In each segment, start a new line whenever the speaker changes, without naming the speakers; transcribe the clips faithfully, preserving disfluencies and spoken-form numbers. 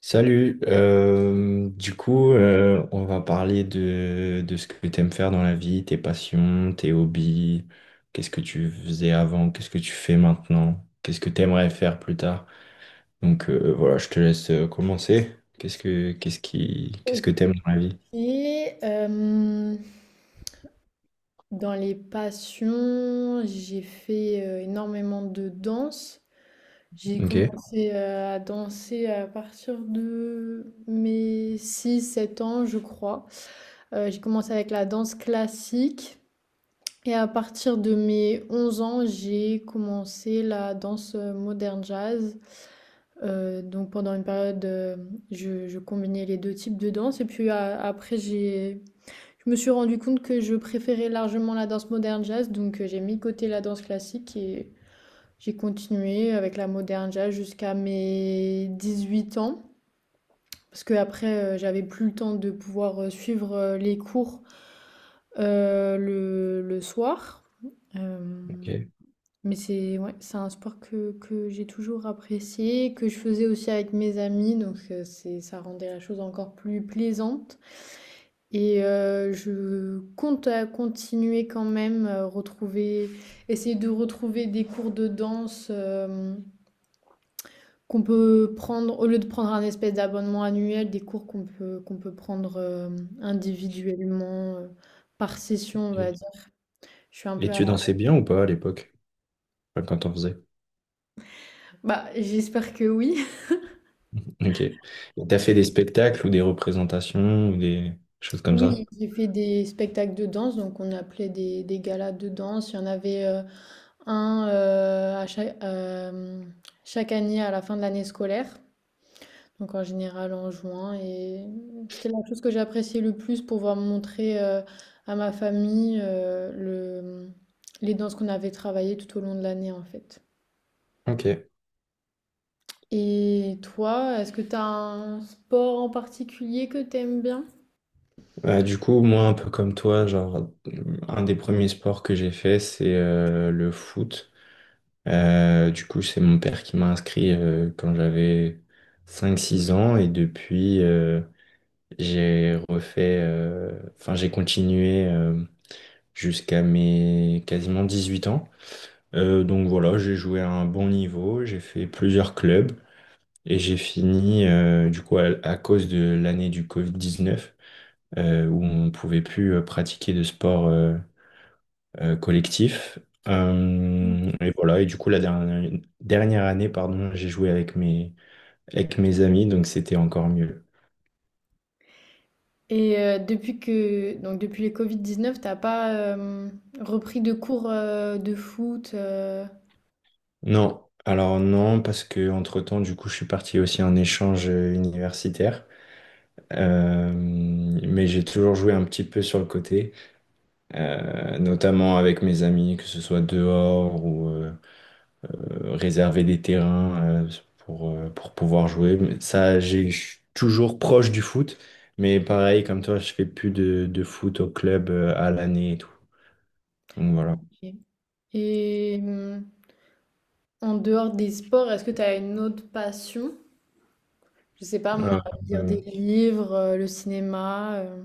Salut, euh, du coup, euh, on va parler de, de ce que tu aimes faire dans la vie, tes passions, tes hobbies, qu'est-ce que tu faisais avant, qu'est-ce que tu fais maintenant, qu'est-ce que tu aimerais faire plus tard. Donc euh, voilà, je te laisse euh, commencer. Qu'est-ce que qu'est-ce qui qu'est-ce que t'aimes dans la vie?
OK, hem, dans les passions, j'ai fait, heu, énormément de danse. J'ai
Ok,
commencé, heu, à danser à partir de mes six sept ans, je crois. Heu, j'ai commencé avec la danse classique et à partir de mes onze ans, j'ai commencé la danse, heu, moderne jazz. Heu, donc pendant une période, heu, je je combinais les deux types de danse et puis a après j'ai je me suis rendu compte que je préférais largement la danse moderne jazz, donc euh, j'ai mis de côté la danse classique et j'ai continué avec la moderne jazz jusqu'à mes dix-huit ans. Parce que après, euh, j'avais plus le temps de pouvoir euh, suivre euh, les cours euh, le, le soir. Euh,
ok.
mais c'est ouais, c'est un sport que, que j'ai toujours apprécié, que je faisais aussi avec mes amis, donc euh, c'est, ça rendait la chose encore plus plaisante. Et heu, je compte, à continuer quand même, heu, retrouver essayer de retrouver des cours de danse, hem, qu'on peut prendre au lieu de prendre un espèce d'abonnement annuel, des cours qu'on peut qu'on peut prendre, hem, individuellement, heu, par session, on va
Et
dire. Je suis un
et
peu à la
tu dansais bien ou pas à l'époque? Enfin, quand on faisait.
bah, j'espère que oui.
Ok. Et t'as fait des spectacles ou des représentations ou des choses comme ça?
Oui, j'ai fait des spectacles de danse, donc on appelait des des galas de danse. Il y en avait, heu, un, heu, à chaque hem, chaque année à la fin de l'année scolaire. Donc en général en juin. Et c'était la chose que j'appréciais le plus pour pouvoir montrer euh, à ma famille euh, le, les danses qu'on avait travaillées tout au long de l'année en fait.
Ok.
Et toi, est-ce que tu as un sport en particulier que t'aimes bien?
Bah, du coup, moi, un peu comme toi, genre, un des premiers sports que j'ai fait, c'est euh, le foot. Euh, du coup, c'est mon père qui m'a inscrit euh, quand j'avais cinq, six ans et depuis, euh, j'ai refait, euh, enfin, j'ai continué euh, jusqu'à mes quasiment dix-huit ans. Euh, donc voilà, j'ai joué à un bon niveau, j'ai fait plusieurs clubs et j'ai fini, euh, du coup, à, à cause de l'année du covid dix-neuf euh, où on ne pouvait plus euh, pratiquer de sport euh, euh, collectif. Euh, et voilà, et du coup, la dernière, dernière année, pardon, j'ai joué avec mes, avec mes amis, donc c'était encore mieux.
Et euh, depuis que donc depuis les covid dix-neuf t'as pas euh, repris de cours euh, de foot euh,
Non, alors non, parce que entre-temps, du coup, je suis parti aussi en échange euh, universitaire. Euh, mais j'ai toujours joué un petit peu sur le côté, euh, notamment avec mes amis, que ce soit dehors ou, euh, euh, réserver des terrains euh, pour, euh, pour pouvoir jouer. Mais ça, j'ai je suis toujours proche du foot, mais pareil, comme toi, je fais plus de, de foot au club euh, à l'année et tout. Donc voilà.
ok. Et euh, en dehors des sports, est-ce que tu as une autre passion? Je sais pas, moi,
Euh,
lire
euh,
des livres, euh, le cinéma. euh.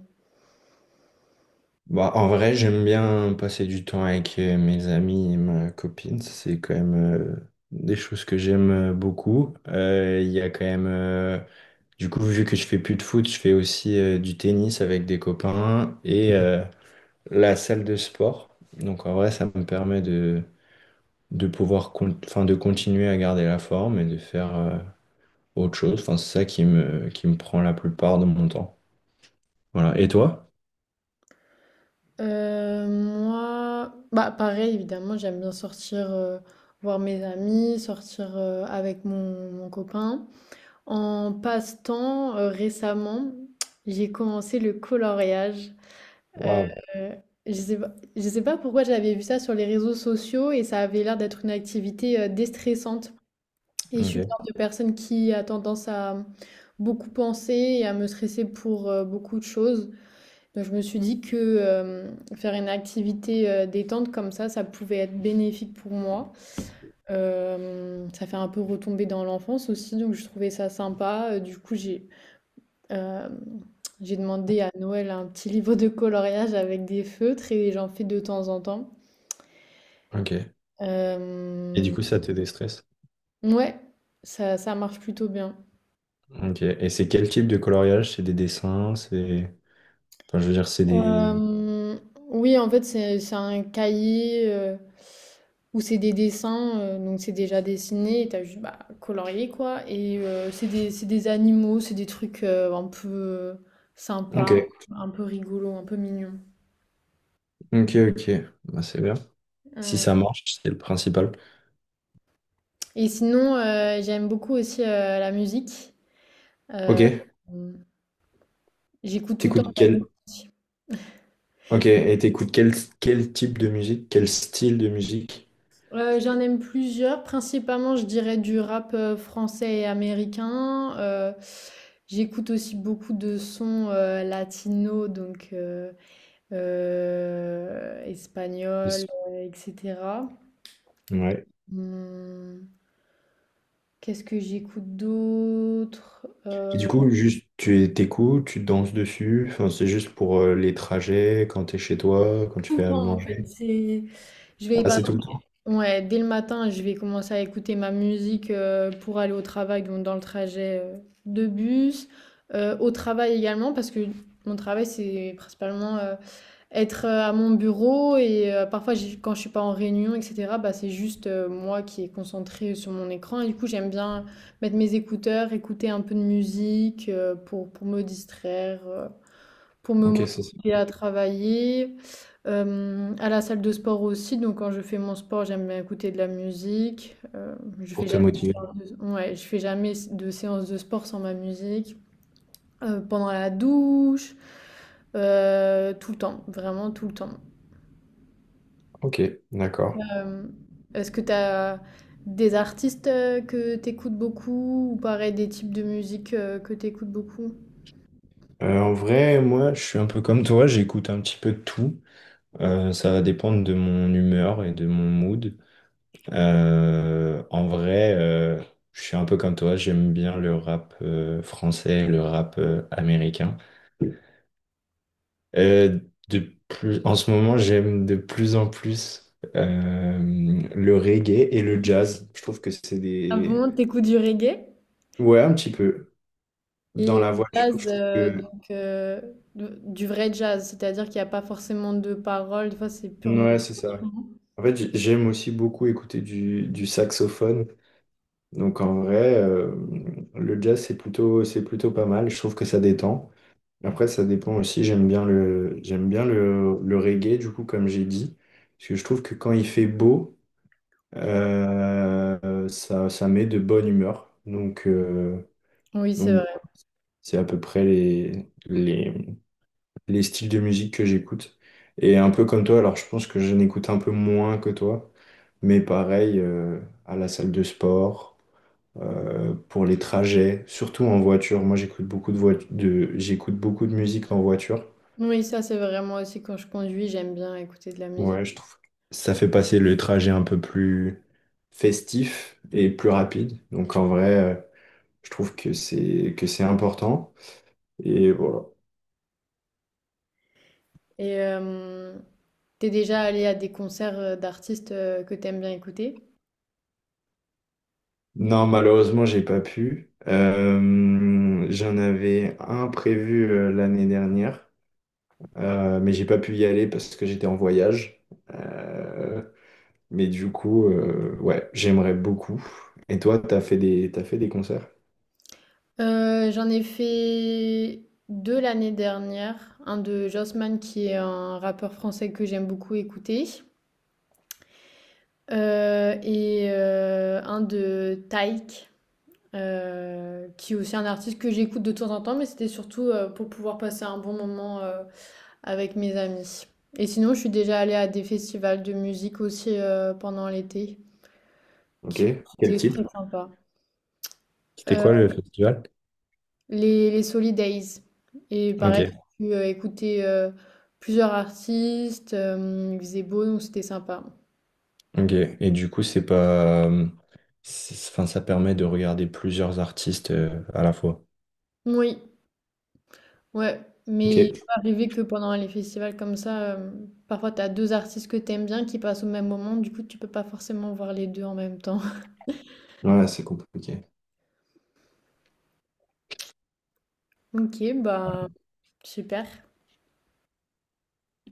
Bah, en vrai, j'aime bien passer du temps avec euh, mes amis et ma copine. Ça, c'est quand même euh, des choses que j'aime euh, beaucoup. Euh, Il y a quand même. euh, Du coup, vu que je fais plus de foot, je fais aussi euh, du tennis avec des copains et euh, la salle de sport. Donc en vrai, ça me permet de, de pouvoir con- enfin, de continuer à garder la forme et de faire euh, autre chose. Enfin, c'est ça qui me, qui me prend la plupart de mon temps. Voilà. Et toi?
Euh, moi, bah pareil, évidemment, j'aime bien sortir, euh, voir mes amis, sortir euh, avec mon, mon copain. En passe-temps, euh, récemment, j'ai commencé le coloriage. Euh,
Waouh.
je sais pas, je sais pas pourquoi j'avais vu ça sur les réseaux sociaux et ça avait l'air d'être une activité euh, déstressante. Et je suis le
Ok,
genre de personne qui a tendance à beaucoup penser et à me stresser pour euh, beaucoup de choses. Donc je me suis dit que euh, faire une activité euh, détente comme ça, ça pouvait être bénéfique pour moi. Euh, ça fait un peu retomber dans l'enfance aussi, donc je trouvais ça sympa. Euh, Du coup, j'ai euh, j'ai demandé à Noël un petit livre de coloriage avec des feutres et j'en fais de temps en temps.
ok. Et du
Euh,
coup, ça te déstresse?
ouais, ça, ça marche plutôt bien.
Ok. Et c'est quel type de coloriage? C'est des dessins? C'est… Enfin, je veux dire, c'est des…
Euh, oui, en fait, c'est c'est un cahier euh, où c'est des dessins, euh, donc c'est déjà dessiné, et t'as juste bah, colorié quoi. Et euh, c'est des, c'est des animaux, c'est des trucs euh, un peu euh,
Ok,
sympas, un peu rigolos, un peu mignons.
ok, ok. Bah, c'est bien. Si
Ouais.
ça marche, c'est le principal.
Et sinon, euh, j'aime beaucoup aussi euh, la musique. Euh,
Ok.
J'écoute tout le temps de
T'écoutes
la
quel…
musique.
Ok, et t'écoutes quel, quel type de musique? Quel style de musique?
Heu, j'en aime plusieurs, principalement je dirais du rap, heu, français et américain, heu, j'écoute aussi beaucoup de sons, heu, latinos donc heu, heu, espagnols, heu, et cetera.
Ouais.
Mmh, qu'est-ce que j'écoute d'autre?
Et du
Heu,
coup, juste, tu t'écoutes, tu danses dessus. Enfin, c'est juste pour euh, les trajets, quand t'es chez toi, quand tu
tout
fais
le
à
temps en fait,
manger.
c'est je vais
Ah, c'est tout le temps?
ouais, dès le matin, je vais commencer à écouter ma musique euh, pour aller au travail, donc dans le trajet euh, de bus, euh, au travail également, parce que mon travail, c'est principalement euh, être euh, à mon bureau et euh, parfois, j'ai- quand je suis pas en réunion, et cetera, bah, c'est juste euh, moi qui est concentrée sur mon écran. Et du coup, j'aime bien mettre mes écouteurs, écouter un peu de musique euh, pour, pour me distraire. Euh, pour me
Ok, ça, c'est
motiver à travailler. Euh, à la salle de sport aussi, donc quand je fais mon sport, j'aime bien écouter de la musique. Euh, je
pour
fais
te
jamais de
motiver.
séance de, ouais, je fais jamais de séance de sport sans ma musique. Euh, pendant la douche, euh, tout le temps, vraiment tout le temps.
Ok, d'accord.
Euh, Est-ce que tu as des artistes euh, que t'écoutes beaucoup ou pareil des types de musique euh, que t'écoutes beaucoup?
Euh, en vrai, moi, je suis un peu comme toi, j'écoute un petit peu de tout. Euh, ça va dépendre de mon humeur et de mon mood. Euh, en vrai, euh, je suis un peu comme toi, j'aime bien le rap euh, français, le rap euh, américain. Euh, de plus, en ce moment, j'aime de plus en plus euh, le reggae et le jazz. Je trouve que c'est
Ah
des…
bon, t'écoutes du reggae?
Ouais, un petit peu. Dans
Et
la
le
voiture,
jazz,
je trouve
euh,
que…
donc, euh, de- du vrai jazz, c'est-à-dire qu'il n'y a pas forcément de paroles, des fois c'est purement...
Ouais, c'est ça. En fait, j'ai- j'aime aussi beaucoup écouter du, du saxophone. Donc en vrai, euh, le jazz, c'est plutôt, c'est plutôt pas mal. Je trouve que ça détend. Après, ça dépend aussi. J'aime bien le, j'aime bien le, le reggae, du coup, comme j'ai dit. Parce que je trouve que quand il fait beau… Euh, ça, ça met de bonne humeur. Donc, euh,
Oui, c'est
donc
vrai.
voilà, c'est à peu près les, les, les styles de musique que j'écoute. Et un peu comme toi, alors je pense que je n'écoute un peu moins que toi, mais pareil, euh, à la salle de sport, euh, pour les trajets, surtout en voiture. Moi, j'écoute beaucoup de, voit- de, j'écoute beaucoup de musique en voiture.
Oui, ça c'est vraiment aussi quand je conduis, j'aime bien écouter de la musique.
Ouais, je trouve que ça fait passer le trajet un peu plus festif et plus rapide. Donc en vrai. euh, Je trouve que c'est que c'est important. Et voilà.
Et euh, t'es déjà allé à des concerts euh, d'artistes euh, que t'aimes bien écouter?
Non, malheureusement, j'ai pas pu. Euh, j'en avais un prévu euh, l'année dernière, euh, mais j'ai pas pu y aller parce que j'étais en voyage. Euh, mais du coup, euh, ouais, j'aimerais beaucoup. Et toi, t'as fait des t'as fait des concerts?
Euh, j'en ai fait deux l'année dernière, un de Josman qui est un rappeur français que j'aime beaucoup écouter, euh, et euh, un de Taïk. Euh, qui est aussi un artiste que j'écoute de temps en temps, mais c'était surtout euh, pour pouvoir passer un bon moment euh, avec mes amis. Et sinon, je suis déjà allée à des festivals de musique aussi euh, pendant l'été,
Ok.
qui
Quel
étaient
type?
très sympas.
C'était
Euh,
quoi le festival?
les, les Solidays. Et
Ok,
pareil, j'ai pu euh, écouter euh, plusieurs artistes, euh, il faisait beau, donc c'était sympa.
ok. Et du coup, c'est pas, c'est- enfin, ça permet de regarder plusieurs artistes euh, à la fois.
Oui. Ouais, mais il
Ok.
peut arriver que pendant les festivals comme ça, euh, parfois tu as deux artistes que t'aimes bien qui passent au même moment, du coup tu peux pas forcément voir les deux en même temps.
Ouais, c'est compliqué.
Ok, bah super.